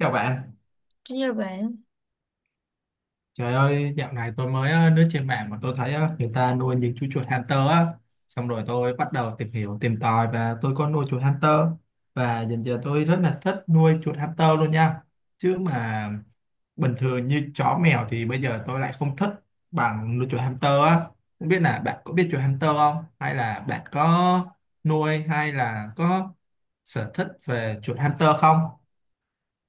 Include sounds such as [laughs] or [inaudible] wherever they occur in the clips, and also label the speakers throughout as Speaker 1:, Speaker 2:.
Speaker 1: Chào bạn,
Speaker 2: Đúng như bạn.
Speaker 1: trời ơi dạo này tôi mới lướt trên mạng mà tôi thấy người ta nuôi những chú chuột hamster á. Xong rồi tôi bắt đầu tìm hiểu, tìm tòi và tôi có nuôi chuột hamster. Và dần dần tôi rất là thích nuôi chuột hamster luôn nha. Chứ mà bình thường như chó mèo thì bây giờ tôi lại không thích bằng nuôi chuột hamster á. Không biết là bạn có biết chuột hamster không? Hay là bạn có nuôi hay là có sở thích về chuột hamster không?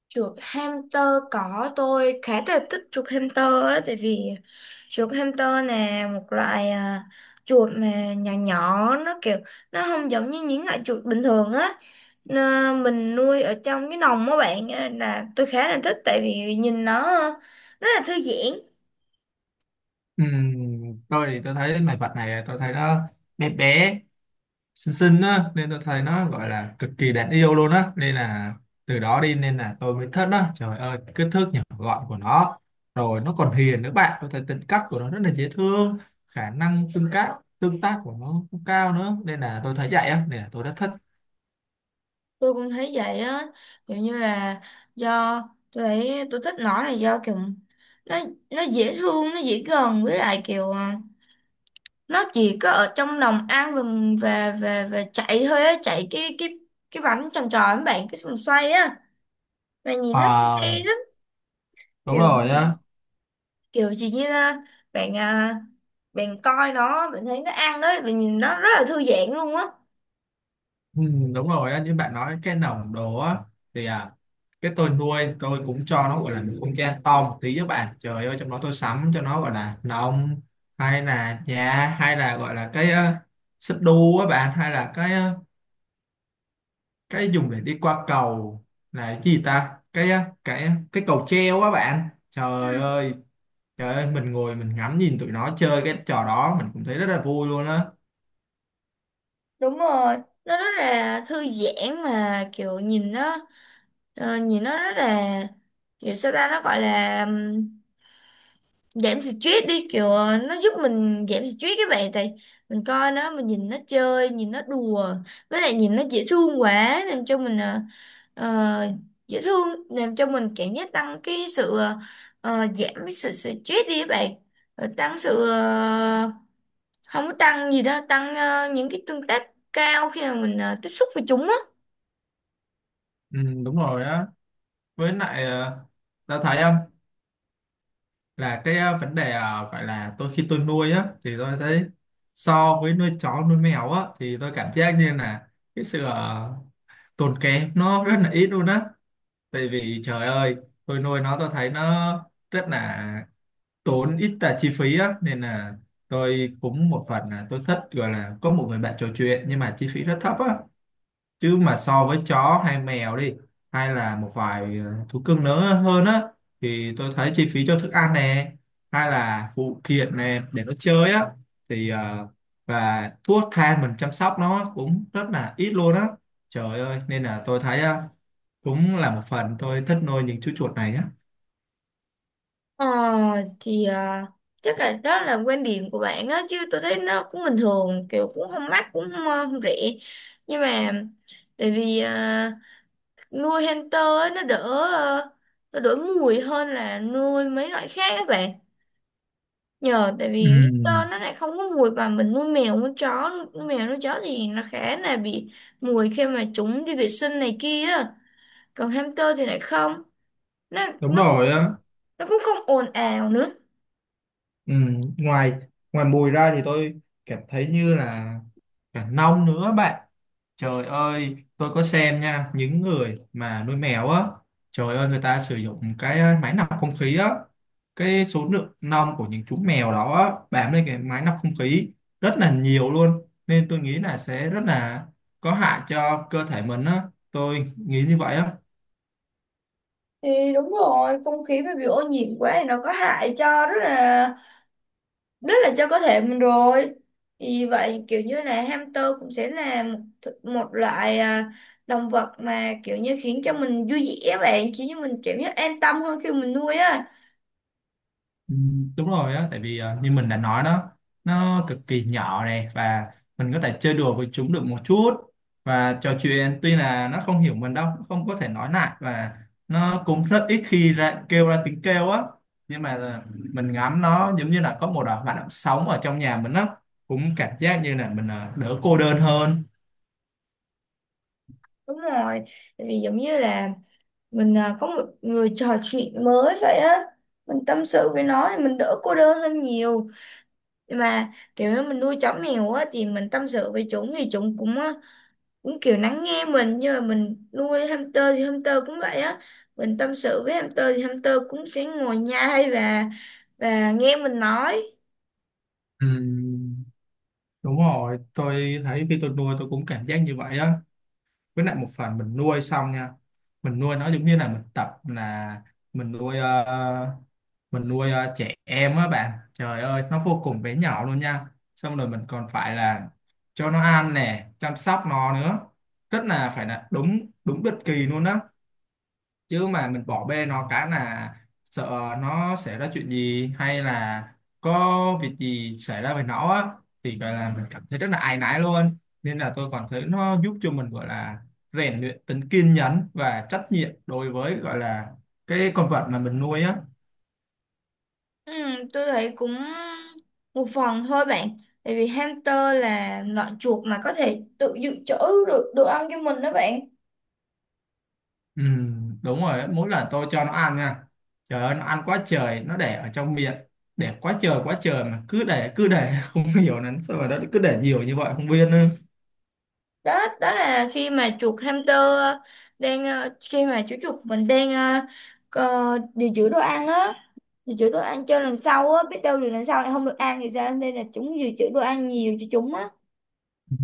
Speaker 2: Chuột hamster cỏ, tôi khá là thích chuột hamster á, tại vì chuột hamster nè một loại chuột mà nhỏ nhỏ, nó kiểu nó không giống như những loại chuột bình thường á. Mình nuôi ở trong cái lồng á bạn á, là tôi khá là thích tại vì nhìn nó rất là thư giãn.
Speaker 1: Tôi thì tôi thấy loài vật này tôi thấy nó bé bé xinh xinh á nên tôi thấy nó gọi là cực kỳ đáng yêu luôn á, nên là từ đó đi nên là tôi mới thích nó. Trời ơi kích thước nhỏ gọn của nó, rồi nó còn hiền nữa bạn, tôi thấy tính cách của nó rất là dễ thương. Khả năng tương tác của nó cũng cao nữa nên là tôi thấy vậy á nên là tôi rất thích.
Speaker 2: Tôi cũng thấy vậy á, kiểu như là do tôi thấy tôi thích nó là do kiểu nó nó dễ thương, nó dễ gần, với lại kiểu nó chỉ có ở trong lòng ăn vừng và chạy thôi á, chạy cái cái bánh tròn tròn với bạn, cái vòng xoay á, mà nhìn nó cũng
Speaker 1: À,
Speaker 2: hay lắm.
Speaker 1: đúng
Speaker 2: kiểu
Speaker 1: rồi á.
Speaker 2: kiểu chỉ như là bạn bạn coi nó, bạn thấy nó ăn đấy, bạn nhìn nó rất là thư giãn luôn á.
Speaker 1: Ừ, đúng rồi á, như bạn nói cái nòng đồ á thì cái tôi nuôi tôi cũng cho nó gọi là một con cha to một tí với bạn. Trời ơi trong đó tôi sắm cho nó gọi là nòng, hay là nhà, hay là gọi là cái xích đu á bạn, hay là cái dùng để đi qua cầu là cái gì ta, cái ờ, cái cầu treo á bạn. Trời ơi trời ơi mình ngồi mình ngắm nhìn tụi nó chơi cái trò đó mình cũng thấy rất là vui luôn á.
Speaker 2: Đúng rồi, nó rất là thư giãn mà, kiểu nhìn nó nhìn nó rất là kiểu sao ta, nó gọi là giảm stress đi, kiểu nó giúp mình giảm stress các bạn, tại mình coi nó, mình nhìn nó chơi, nhìn nó đùa, với lại nhìn nó dễ thương quá làm cho mình ờ, dễ thương làm cho mình cảm giác tăng cái sự giảm cái sự stress đi các bạn. Rồi tăng sự không có tăng gì đó, tăng những cái tương tác cao khi mà mình tiếp xúc với chúng á.
Speaker 1: Ừ, đúng rồi á, với lại Tao thấy không? Là cái vấn đề gọi là tôi khi tôi nuôi á thì tôi thấy so với nuôi chó nuôi mèo á thì tôi cảm giác như là cái sự tốn kém nó rất là ít luôn á. Tại vì trời ơi tôi nuôi nó tôi thấy nó rất là tốn ít là chi phí á, nên là tôi cũng một phần là tôi thích gọi là có một người bạn trò chuyện nhưng mà chi phí rất thấp á. Chứ mà so với chó hay mèo đi, hay là một vài thú cưng nữa hơn á, thì tôi thấy chi phí cho thức ăn nè, hay là phụ kiện nè để nó chơi á, thì và thuốc thang mình chăm sóc nó cũng rất là ít luôn á. Trời ơi nên là tôi thấy cũng là một phần tôi thích nuôi những chú chuột này á.
Speaker 2: Ờ, thì chắc là đó là quan điểm của bạn á, chứ tôi thấy nó cũng bình thường, kiểu cũng không mắc cũng không, không rẻ, nhưng mà tại vì nuôi hamster á, nó đỡ ờ, nó đỡ mùi hơn là nuôi mấy loại khác các bạn, nhờ tại
Speaker 1: Ừ,
Speaker 2: vì hamster nó lại không có mùi, mà mình nuôi mèo nuôi chó, nuôi mèo nuôi chó thì nó khá là bị mùi khi mà chúng đi vệ sinh này kia á. Còn hamster thì lại không, nó
Speaker 1: đúng
Speaker 2: nó
Speaker 1: rồi á.
Speaker 2: nó cũng không ồn ào nữa.
Speaker 1: Ừ, ngoài ngoài mùi ra thì tôi cảm thấy như là cả nông nữa bạn. Trời ơi, tôi có xem nha, những người mà nuôi mèo á, trời ơi người ta sử dụng cái máy lọc không khí á, cái số lượng lông của những chú mèo đó á, bám lên cái máy lọc không khí rất là nhiều luôn, nên tôi nghĩ là sẽ rất là có hại cho cơ thể mình á, tôi nghĩ như vậy á.
Speaker 2: Thì đúng rồi, không khí mà bị ô nhiễm quá thì nó có hại cho rất là cho cơ thể mình rồi, thì vậy kiểu như là hamster cũng sẽ là một, một loại động vật mà kiểu như khiến cho mình vui vẻ á bạn, khiến cho mình cảm giác an tâm hơn khi mình nuôi á.
Speaker 1: Ừ, đúng rồi á, tại vì như mình đã nói đó, nó cực kỳ nhỏ này, và mình có thể chơi đùa với chúng được một chút và trò chuyện, tuy là nó không hiểu mình đâu, nó không có thể nói lại, và nó cũng rất ít khi ra, kêu ra tiếng kêu á. Nhưng mà là mình ngắm nó giống như là có một hoạt động sống ở trong nhà mình á, cũng cảm giác như là mình đỡ cô đơn hơn.
Speaker 2: Đúng rồi, tại vì giống như là mình có một người trò chuyện mới vậy á, mình tâm sự với nó thì mình đỡ cô đơn hơn nhiều. Nhưng mà kiểu như mình nuôi chó mèo á thì mình tâm sự với chúng thì chúng cũng cũng kiểu lắng nghe mình, nhưng mà mình nuôi hamster thì hamster cũng vậy á, mình tâm sự với hamster thì hamster cũng sẽ ngồi nhai và nghe mình nói.
Speaker 1: Ừ, đúng rồi, tôi thấy khi tôi nuôi tôi cũng cảm giác như vậy á. Với lại một phần mình nuôi xong nha, mình nuôi nó giống như là mình tập là mình nuôi ờ, mình nuôi trẻ em á bạn, trời ơi nó vô cùng bé nhỏ luôn nha. Xong rồi mình còn phải là cho nó ăn nè, chăm sóc nó nữa, rất là phải là đúng đúng định kỳ luôn á. Chứ mà mình bỏ bê nó cái là sợ nó xảy ra chuyện gì, hay là có việc gì xảy ra với nó á, thì gọi là mình cảm thấy rất là áy náy luôn. Nên là tôi còn thấy nó giúp cho mình gọi là rèn luyện tính kiên nhẫn và trách nhiệm đối với gọi là cái con vật mà mình nuôi á.
Speaker 2: Ừ, tôi thấy cũng một phần thôi bạn, tại vì hamster là loại chuột mà có thể tự dự trữ được đồ ăn cho mình đó bạn.
Speaker 1: Ừ, đúng rồi á, mỗi lần tôi cho nó ăn nha, trời ơi nó ăn quá trời, nó để ở trong miệng, để quá trời mà cứ để [laughs] không hiểu là sao mà nó cứ để nhiều như vậy không biết nữa.
Speaker 2: Đó, đó là khi mà chuột hamster đang khi mà chú chuột mình đang dự trữ đồ ăn á, dự trữ đồ ăn cho lần sau á, biết đâu rồi lần sau lại không được ăn thì sao, nên là chúng dự trữ đồ ăn nhiều cho chúng á.
Speaker 1: [laughs] Ừ,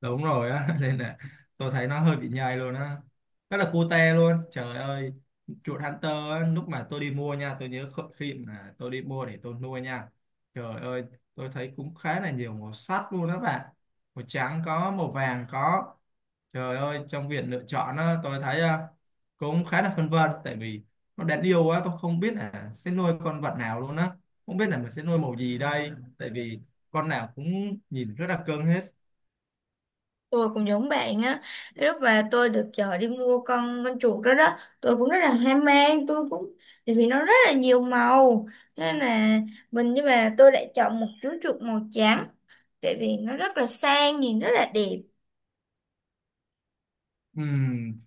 Speaker 1: đúng rồi á. [laughs] Nên là tôi thấy nó hơi bị nhầy luôn á, rất là cute luôn. Trời ơi chuột Hunter á, lúc mà tôi đi mua nha, tôi nhớ khi mà tôi đi mua để tôi nuôi nha, trời ơi tôi thấy cũng khá là nhiều màu sắc luôn đó bạn, màu trắng có, màu vàng có. Trời ơi trong việc lựa chọn á, tôi thấy cũng khá là phân vân, tại vì nó đáng yêu quá tôi không biết là sẽ nuôi con vật nào luôn á, không biết là mình sẽ nuôi màu gì đây, tại vì con nào cũng nhìn rất là cưng hết.
Speaker 2: Tôi cũng giống bạn á, lúc mà tôi được chợ đi mua con chuột đó đó, tôi cũng rất là hoang mang, tôi cũng tại vì nó rất là nhiều màu, nên là mình, nhưng mà tôi lại chọn một chú chuột màu trắng tại vì nó rất là sang, nhìn rất là đẹp.
Speaker 1: Ừm,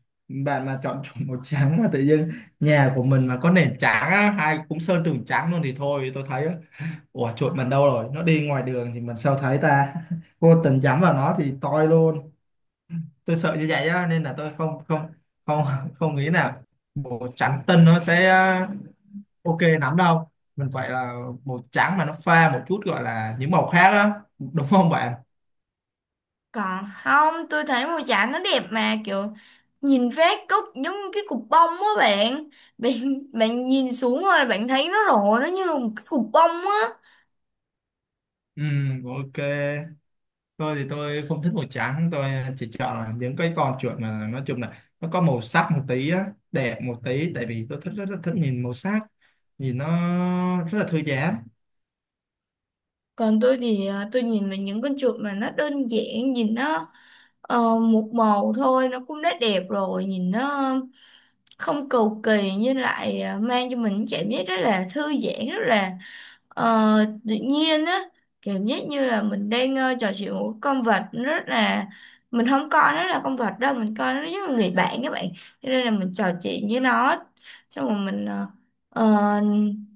Speaker 1: Bạn mà chọn chủ màu trắng mà tự dưng nhà của mình mà có nền trắng á, hay cũng sơn tường trắng luôn, thì thôi tôi thấy á, ủa chuột mình đâu rồi, nó đi ngoài đường thì mình sao thấy ta, [laughs] vô tình nhắm vào nó thì toi luôn. Tôi sợ như vậy á, nên là tôi không không không [laughs] không nghĩ nào màu trắng tinh nó sẽ ok lắm đâu. Mình phải là màu trắng mà nó pha một chút gọi là những màu khác á, đúng không bạn?
Speaker 2: Còn không, tôi thấy mùa giải nó đẹp, mà kiểu nhìn phát cúc giống như cái cục bông á bạn. Bạn bạn nhìn xuống rồi bạn thấy nó rộ, nó như một cái cục bông á.
Speaker 1: Ừ, ok. Tôi thì tôi không thích màu trắng, tôi chỉ chọn là những cái con chuột mà nói chung là nó có màu sắc một tí á, đẹp một tí, tại vì tôi thích rất, rất thích nhìn màu sắc, nhìn nó rất là thư giãn. [laughs]
Speaker 2: Còn tôi thì tôi nhìn về những con chuột mà nó đơn giản, nhìn nó một màu thôi nó cũng đã đẹp rồi, nhìn nó không cầu kỳ nhưng lại mang cho mình cảm giác rất là thư giãn, rất là Ờ, tự nhiên á, cảm giác như là mình đang trò chuyện một con vật, nó rất là mình không coi nó là con vật đâu, mình coi nó giống như người bạn các bạn, cho nên là mình trò chuyện với nó, xong rồi mình ờ,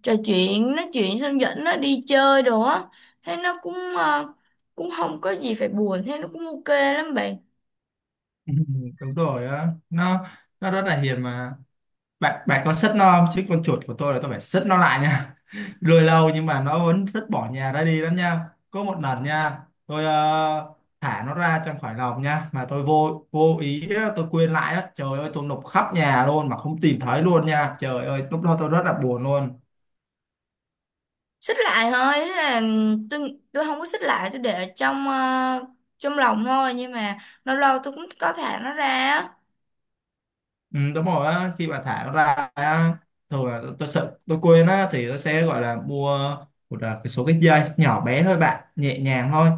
Speaker 2: trò chuyện nói chuyện xong dẫn nó đi chơi đồ á, thế nó cũng cũng không có gì phải buồn, thế nó cũng ok lắm bạn.
Speaker 1: Ừ, đúng rồi á, nó rất là hiền mà bạn, bạn có sất nó không, chứ con chuột của tôi là tôi phải sất nó lại nha. [laughs] Nuôi lâu nhưng mà nó vẫn rất bỏ nhà ra đi lắm nha. Có một lần nha, tôi thả nó ra trong khỏi lồng nha, mà tôi vô vô ý á, tôi quên lại á, trời ơi tôi lục khắp nhà luôn mà không tìm thấy luôn nha, trời ơi lúc đó tôi rất là buồn luôn.
Speaker 2: Xích lại thôi, thế là tôi không có xích lại, tôi để ở trong trong lòng thôi, nhưng mà lâu lâu tôi cũng có thả nó ra á.
Speaker 1: Ừ, đúng rồi á, khi mà thả nó ra á, thường là tôi sợ tôi quên á, thì tôi sẽ gọi là mua một cái số cái dây nhỏ bé thôi bạn, nhẹ nhàng thôi,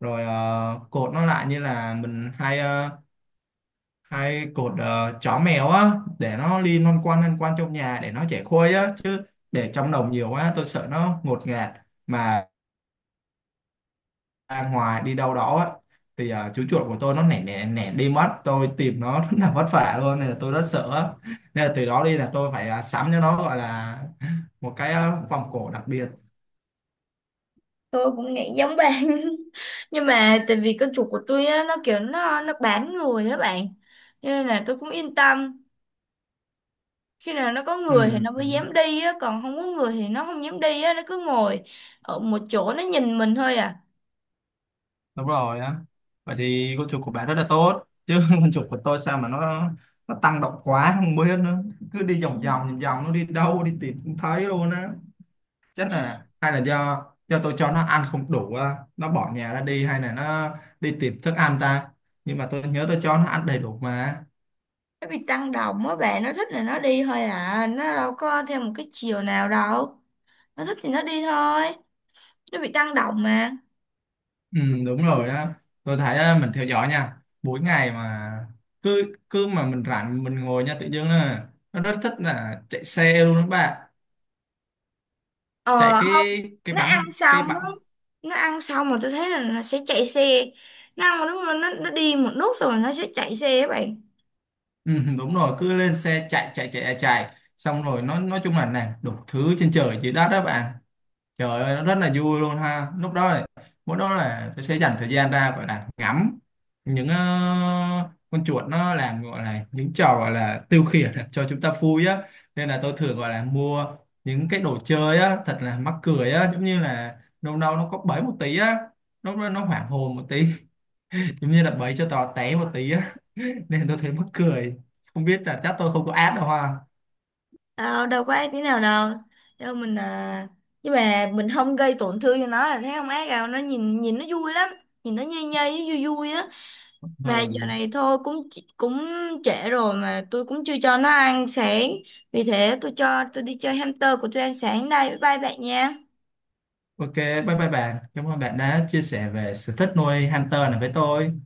Speaker 1: rồi cột nó lại như là mình hay hay cột chó mèo á, để nó liên non quan lăn quan trong nhà để nó chẻ khuây á. Chứ để trong đồng nhiều quá tôi sợ nó ngột ngạt mà ra ngoài đi đâu đó á, thì chú chuột của tôi nó nẻ nẻ nẻ đi mất, tôi tìm nó [laughs] rất là vất vả luôn nên là tôi rất sợ á. Nên là từ đó đi là tôi phải sắm cho nó gọi là một cái vòng cổ đặc biệt.
Speaker 2: Tôi cũng nghĩ giống bạn [laughs] nhưng mà tại vì con chuột của tôi á, nó kiểu nó bám người á bạn, cho nên là tôi cũng yên tâm, khi nào nó có người thì
Speaker 1: Ừ.
Speaker 2: nó mới dám đi á, còn không có người thì nó không dám đi á, nó cứ ngồi ở một chỗ nó nhìn mình thôi à.
Speaker 1: Đúng rồi á, vậy thì con chuột của bạn rất là tốt chứ. [laughs] Con chuột của tôi sao mà nó tăng động quá không biết nữa, cứ đi vòng vòng vòng vòng nó đi đâu đi tìm không thấy luôn á. Chắc là hay là do tôi cho nó ăn không đủ á, nó bỏ nhà ra đi hay là nó đi tìm thức ăn ta, nhưng mà tôi nhớ tôi cho nó ăn đầy đủ mà.
Speaker 2: Nó bị tăng động á bạn, nó thích là nó đi thôi à, nó đâu có theo một cái chiều nào đâu, nó thích thì nó đi thôi, nó bị tăng động mà.
Speaker 1: Ừ, đúng rồi á. Tôi thấy á, mình theo dõi nha, mỗi ngày mà cứ cứ mà mình rảnh mình ngồi nha, tự dưng là nó rất thích là chạy xe luôn đó bạn, chạy
Speaker 2: Ờ,
Speaker 1: cái
Speaker 2: nó ăn
Speaker 1: bắn cái
Speaker 2: xong
Speaker 1: bắn
Speaker 2: á, nó ăn xong mà tôi thấy là nó sẽ chạy xe, nó ăn một lúc nó đi một lúc xong rồi nó sẽ chạy xe các bạn.
Speaker 1: Ừ, đúng rồi, cứ lên xe chạy chạy xong rồi nó nói chung là làm đủ thứ trên trời dưới đất đó bạn. Trời ơi nó rất là vui luôn ha, lúc đó là, mỗi đó là tôi sẽ dành thời gian ra gọi là ngắm những con chuột nó làm gọi là những trò gọi là tiêu khiển [laughs] cho chúng ta vui á. Nên là tôi thường gọi là mua những cái đồ chơi á, thật là mắc cười á, giống như là đâu đâu nó có bẫy một tí á, nó hoảng hồn một tí, [laughs] giống như là bẫy cho tò té một tí á, nên tôi thấy mắc cười, không biết là chắc tôi không có ad đâu ha.
Speaker 2: Đâu đâu có ác tí nào đâu, đâu, mình nhưng mà mình không gây tổn thương cho nó là thấy không ác đâu, nó nhìn, nó vui lắm, nhìn nó nhây nhây vui vui á, mà giờ
Speaker 1: Ừ.
Speaker 2: này thôi cũng cũng trễ rồi mà tôi cũng chưa cho nó ăn sáng, vì thế tôi cho tôi đi chơi hamster của tôi ăn sáng đây, bye bye bạn nha.
Speaker 1: Ok, bye bye bạn, cảm ơn bạn đã chia sẻ về sở thích nuôi hamster này với tôi.